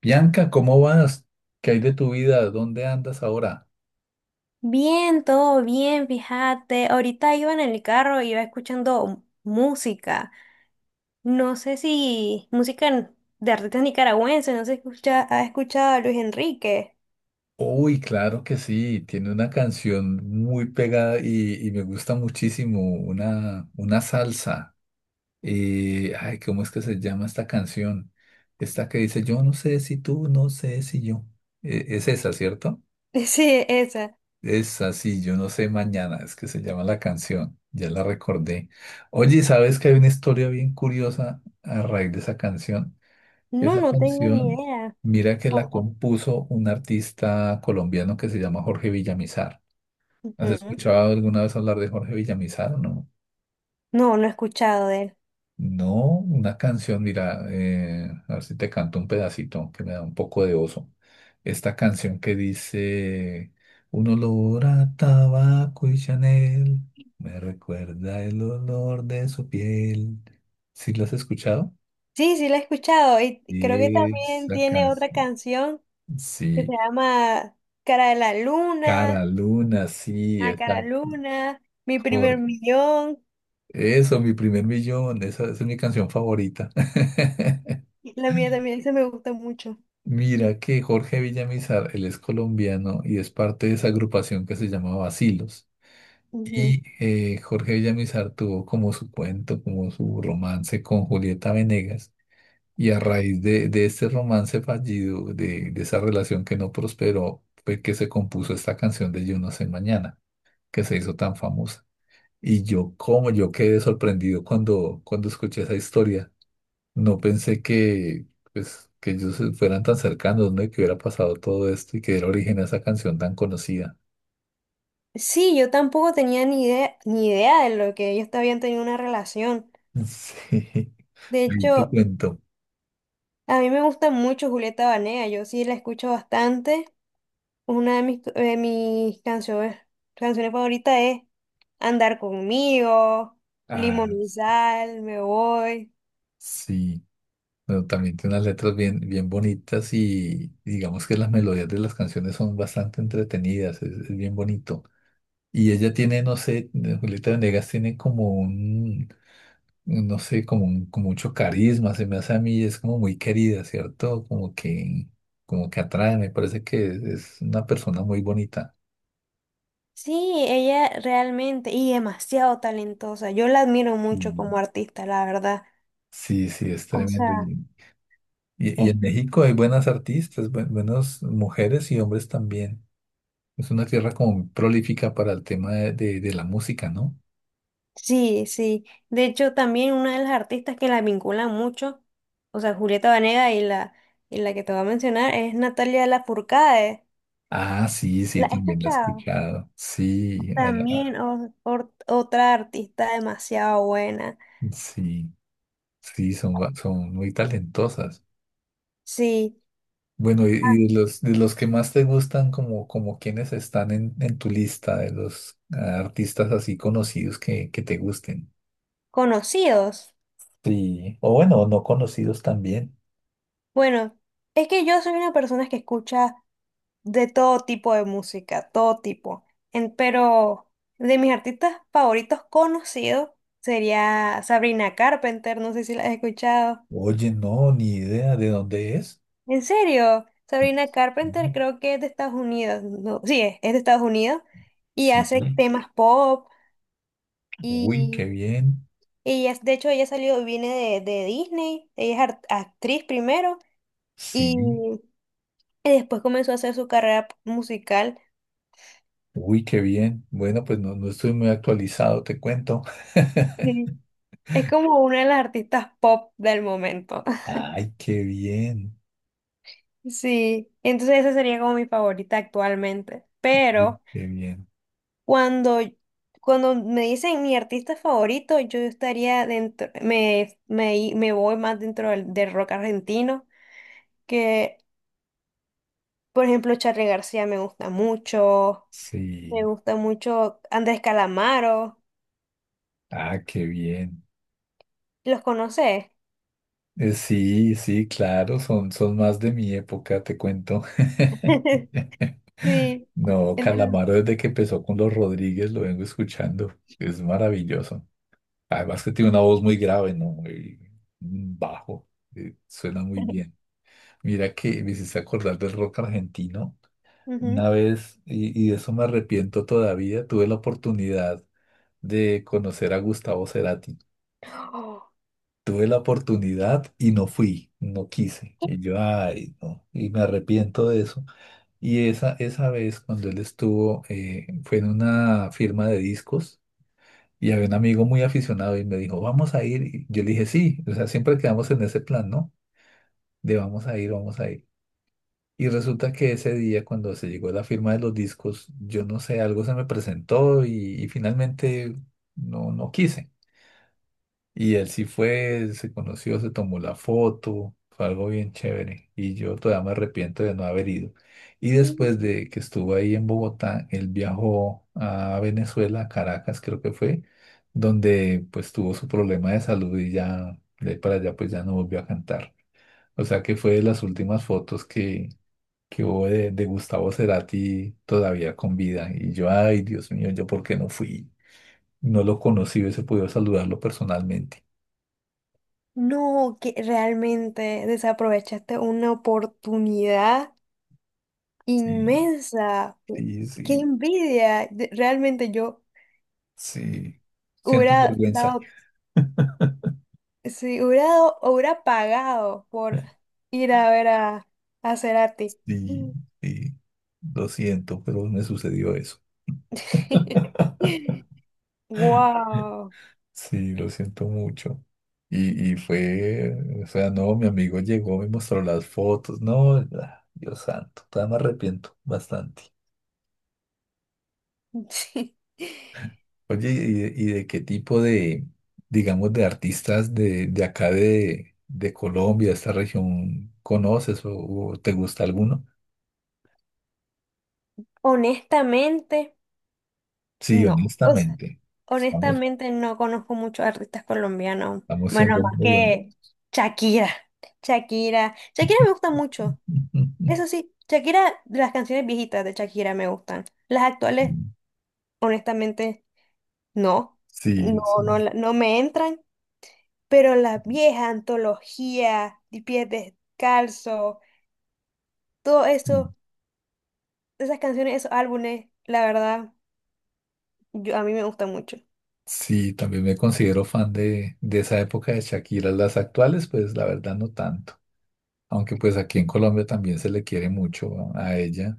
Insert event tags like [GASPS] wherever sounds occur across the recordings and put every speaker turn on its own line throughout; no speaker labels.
Bianca, ¿cómo vas? ¿Qué hay de tu vida? ¿Dónde andas ahora?
Bien, todo bien, fíjate. Ahorita iba en el carro, iba escuchando música. No sé si música en- de artistas nicaragüenses, no sé si escucha, ha escuchado a Luis Enrique.
Uy, claro que sí, tiene una canción muy pegada y me gusta muchísimo, una salsa. ¿Cómo es que se llama esta canción? Esta que dice, yo no sé si tú, no sé si yo. Es esa, ¿cierto?
[LAUGHS] Sí, esa.
Es así, yo no sé mañana, es que se llama la canción, ya la recordé. Oye, ¿sabes que hay una historia bien curiosa a raíz de esa canción?
No,
Esa
no tengo ni
canción,
idea.
mira que la
Ojo.
compuso un artista colombiano que se llama Jorge Villamizar. ¿Has
Ujú.
escuchado alguna vez hablar de Jorge Villamizar o no?
No he escuchado de él.
No, una canción, mira, a ver si te canto un pedacito que me da un poco de oso. Esta canción que dice, un olor a tabaco y Chanel me recuerda el olor de su piel. ¿Sí lo has escuchado?
Sí, la he escuchado. Y creo que
Y
también
esa
tiene otra
canción,
canción que se
sí.
llama Cara de la
Cara,
Luna,
Luna, sí,
a
es la
Cara Luna, Mi Primer
mejor.
Millón.
Eso, mi primer millón, esa es mi canción favorita. [LAUGHS]
La mía también, esa me gusta mucho.
Mira que Jorge Villamizar, él es colombiano y es parte de esa agrupación que se llamaba Bacilos.
Ujú.
Y Jorge Villamizar tuvo como su cuento, como su romance con Julieta Venegas. Y a raíz de este romance fallido, de esa relación que no prosperó, fue que se compuso esta canción de Yo no sé mañana, que se hizo tan famosa. Y yo, como yo quedé sorprendido cuando escuché esa historia. No pensé que, pues, que ellos se fueran tan cercanos, ¿no? Y que hubiera pasado todo esto y que era origen a esa canción tan conocida.
Sí, yo tampoco tenía ni idea, ni idea de lo que ellos te habían tenido una relación.
Sí, [LAUGHS]
De
ahí te
hecho,
cuento.
a mí me gusta mucho Julieta Banea, yo sí la escucho bastante. Una de mis canciones, canciones favoritas es Andar conmigo, Limón
Ah,
y Sal, Me Voy.
sí. Bueno, también tiene unas letras bien, bien bonitas y digamos que las melodías de las canciones son bastante entretenidas, es bien bonito. Y ella tiene, no sé, Julieta Venegas tiene como un, no sé, con mucho carisma, se me hace a mí, es como muy querida, ¿cierto? Como que atrae, me parece que es una persona muy bonita.
Sí, ella realmente y demasiado talentosa. Yo la admiro mucho
Mm.
como artista, la verdad.
Sí, sí, es
O
tremendo.
sea,
Y, y
es
en México hay buenas artistas, buenas mujeres y hombres también. Es una tierra como prolífica para el tema de, de la música, ¿no?
Sí, sí. De hecho, también una de las artistas que la vinculan mucho, o sea, Julieta Venegas y la que te voy a mencionar es Natalia Lafourcade.
Ah, sí,
¿La
sí,
he
también la he
escuchado?
escuchado. Sí,
También
a-
otra artista demasiado buena.
sí, sí, son, son muy talentosas.
Sí,
Bueno, y de los que más te gustan, como, como quienes están en tu lista, de los artistas así conocidos que te gusten.
conocidos.
Sí. O bueno, no conocidos también.
Bueno, es que yo soy una persona que escucha de todo tipo de música, todo tipo. Pero de mis artistas favoritos conocidos sería Sabrina Carpenter, no sé si la has escuchado.
Oye, no, ni idea de dónde es.
¿En serio? Sabrina Carpenter
Ujú.
creo que es de Estados Unidos. No, sí, es de Estados Unidos y
Sí.
hace temas pop
Uy, qué
y,
bien.
ella de hecho ella salió, viene de Disney, ella es actriz primero y,
Sí.
y después comenzó a hacer su carrera musical.
Uy, qué bien. Bueno, pues no, no estoy muy actualizado, te cuento.
Sí. Es como una de las artistas pop del momento.
[LAUGHS]
[LAUGHS]
Ay, qué bien.
Sí, entonces esa sería como mi favorita actualmente,
Uy,
pero...
qué bien.
Cuando, cuando me dicen mi artista favorito, yo estaría dentro, me voy más dentro del, del rock argentino, que por ejemplo Charly García me
Sí.
gusta mucho Andrés Calamaro,
Ah, qué bien.
¿los conoces?
Sí, sí, claro, son, son más de mi época, te cuento.
[LAUGHS]
[LAUGHS]
Sí,
No,
entonces,
Calamaro desde que empezó con los Rodríguez lo vengo escuchando. Es maravilloso. Además que tiene una voz muy grave, ¿no? Y un bajo. Suena muy bien. Mira que me hiciste acordar del rock argentino.
ujú.
Una vez, y de eso me arrepiento todavía, tuve la oportunidad de conocer a Gustavo Cerati.
[GASPS] Oh,
Tuve la oportunidad y no fui, no quise. Y yo, ay, no, y me arrepiento de eso. Y esa vez cuando él estuvo, fue en una firma de discos y había un amigo muy aficionado y me dijo, vamos a ir. Y yo le dije, sí, o sea, siempre quedamos en ese plan, ¿no? De vamos a ir, vamos a ir. Y resulta que ese día cuando se llegó la firma de los discos, yo no sé, algo se me presentó y finalmente no, no quise. Y él sí fue, se conoció, se tomó la foto, fue algo bien chévere. Y yo todavía me arrepiento de no haber ido. Y
y-
después de que estuvo ahí en Bogotá, él viajó a Venezuela, a Caracas creo que fue, donde pues tuvo su problema de salud y ya de ahí para allá pues ya no volvió a cantar. O sea que fue de las últimas fotos que hubo de Gustavo Cerati todavía con vida. Y yo, ay, Dios mío, ¿yo por qué no fui? No lo conocí, hubiese podido saludarlo personalmente.
no, que realmente desaprovechaste una oportunidad
Sí.
inmensa.
Sí,
Qué
sí,
envidia. Realmente yo
sí. Siento
hubiera
vergüenza.
dado,
[LAUGHS]
sí, hubiera dado, hubiera pagado por ir a ver a Cerati.
Sí, sí. Lo siento, pero me sucedió eso.
[LAUGHS]
[LAUGHS]
Wow.
Sí, lo siento mucho. Y fue, o sea, no, mi amigo llegó, me mostró las fotos. No, ah, Dios santo, todavía me arrepiento bastante.
Sí.
Oye, ¿ y de qué tipo de, digamos, de artistas de acá de Colombia, esta región, conoces o te gusta alguno?
Honestamente,
Sí,
no. O sea,
honestamente, estamos
honestamente no conozco muchos artistas colombianos.
Estamos
Bueno,
siendo
más
muy
que
honestos.
Shakira. Shakira. Shakira me gusta mucho. Eso
[LAUGHS]
sí, Shakira, las canciones viejitas de Shakira me gustan. Las actuales, honestamente. No,
Sí,
no,
sí, sí.
no me entran, pero la vieja antología, de pies descalzo, todo
Sí,
eso, esas canciones, esos álbumes, la verdad, yo, a mí me gustan mucho.
Sí, también me considero fan de esa época de Shakira. Las actuales, pues la verdad no tanto. Aunque pues aquí en Colombia también se le quiere mucho a ella.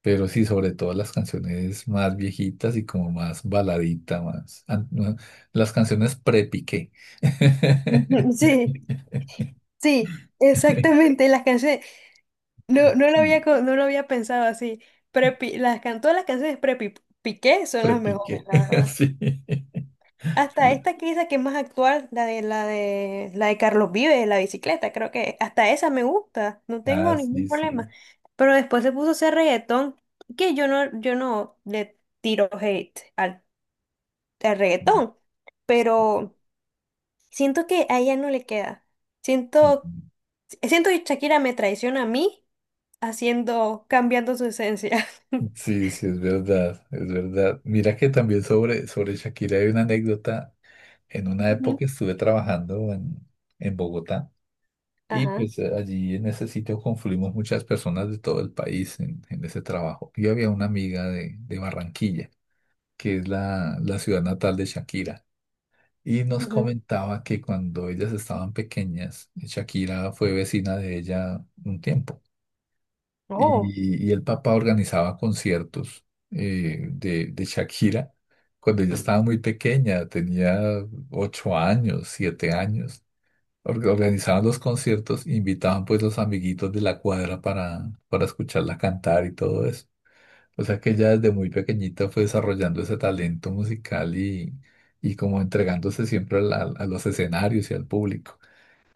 Pero sí, sobre todo las canciones más viejitas y como más baladita, más... an- no, Las canciones pre-Piqué. [LAUGHS]
Ujú, sí, sí, exactamente, las canciones, no, no lo había,
Sí,
no lo había pensado así, pero todas las canciones de Piqué son las mejores,
Pre-Piqué,
la
[LAUGHS]
verdad.
sí.
Hasta esta que dice que es más actual, la de Carlos Vives, la bicicleta, creo que hasta esa me gusta, no tengo
Ah,
ningún
sí, sí.
problema. Pero después se puso a hacer reggaetón, que yo no, yo no le tiro hate al, al reggaetón, pero siento que a ella no le queda.
Sí.
Siento, siento que Shakira me traiciona a mí haciendo, cambiando su esencia. [LAUGHS]
Sí, sí, es verdad, es verdad. Mira que también sobre, sobre Shakira hay una anécdota. En una
Ujú.
época estuve trabajando en Bogotá y
Ajá.
pues allí en ese sitio confluimos muchas personas de todo el país en ese trabajo. Y había una amiga de Barranquilla, que es la, la ciudad natal de Shakira, y nos
Ujú.
comentaba que cuando ellas estaban pequeñas, Shakira fue vecina de ella un tiempo.
Oh.
Y, y el papá organizaba conciertos de Shakira cuando ella estaba muy pequeña, tenía 8 años, 7 años. Organizaban los conciertos, invitaban pues los amiguitos de la cuadra para escucharla cantar y todo eso. O sea que ella desde muy pequeñita fue desarrollando ese talento musical y como entregándose siempre a los escenarios y al público.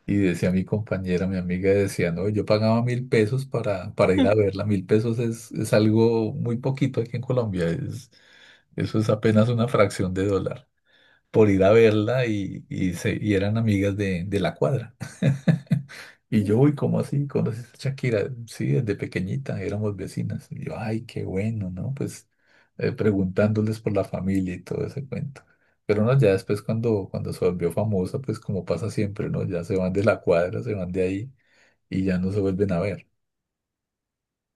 Y decía mi compañera, mi amiga, decía, no, yo pagaba 1.000 pesos para ir a verla. 1.000 pesos es algo muy poquito aquí en Colombia. Es, eso es apenas una fracción de dólar por ir a verla y y eran amigas de la cuadra. [LAUGHS] Y yo, uy, ¿cómo así? ¿Conoces a Shakira? Sí, desde pequeñita, éramos vecinas. Y yo, ay, qué bueno, ¿no? Pues preguntándoles por la familia y todo ese cuento. Pero no, ya después cuando, cuando se volvió famosa, pues como pasa siempre, ¿no? Ya se van de la cuadra, se van de ahí y ya no se vuelven a ver.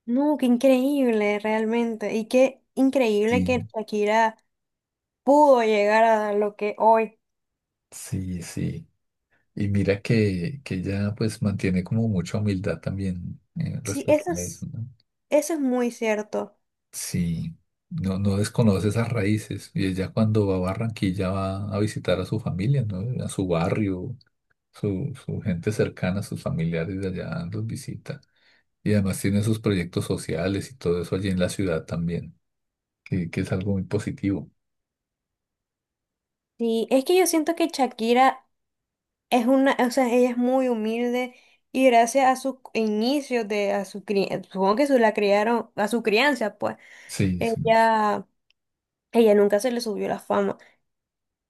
No, qué increíble realmente. Y qué increíble
Sí,
que Shakira pudo llegar a lo que hoy.
sí, sí. Y mira que ella pues mantiene como mucha humildad también
Sí,
respecto a eso, ¿no?
eso es muy cierto.
Sí, no, no desconoce esas raíces. Y ella cuando va a Barranquilla va a visitar a su familia, ¿no? A su barrio, su gente cercana, sus familiares de allá los visita. Y además tiene sus proyectos sociales y todo eso allí en la ciudad también, que es algo muy positivo.
Sí, es que yo siento que Shakira es una, o sea, ella es muy humilde y gracias a sus inicios de, a su crianza, supongo que su la criaron, a su crianza, pues,
Sí, sí,
ella, ella nunca se le subió la fama.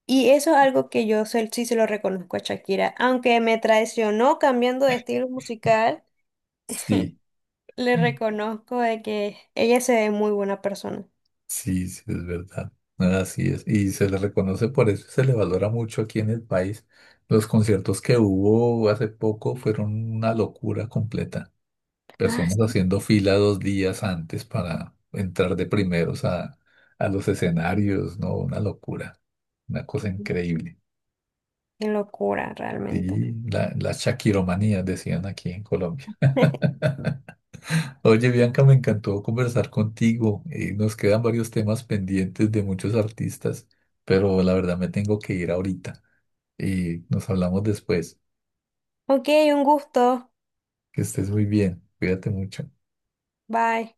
Y eso es algo que yo sí se lo reconozco a Shakira, aunque me traicionó cambiando de estilo musical.
sí,
Le reconozco de que ella se ve muy buena persona.
sí, sí, es verdad. Así es. Y se le reconoce por eso, se le valora mucho aquí en el país. Los conciertos que hubo hace poco fueron una locura completa.
Ah,
Personas
sí,
haciendo fila 2 días antes para entrar de primeros a los escenarios, ¿no? Una locura, una cosa increíble.
qué locura, realmente.
Y la shakiromanía, decían aquí en Colombia.
[LAUGHS]
[LAUGHS] Oye, Bianca, me encantó conversar contigo. Nos quedan varios temas pendientes de muchos artistas, pero la verdad me tengo que ir ahorita. Y nos hablamos después.
Ok, un gusto.
Que estés muy bien. Cuídate mucho.
Bye.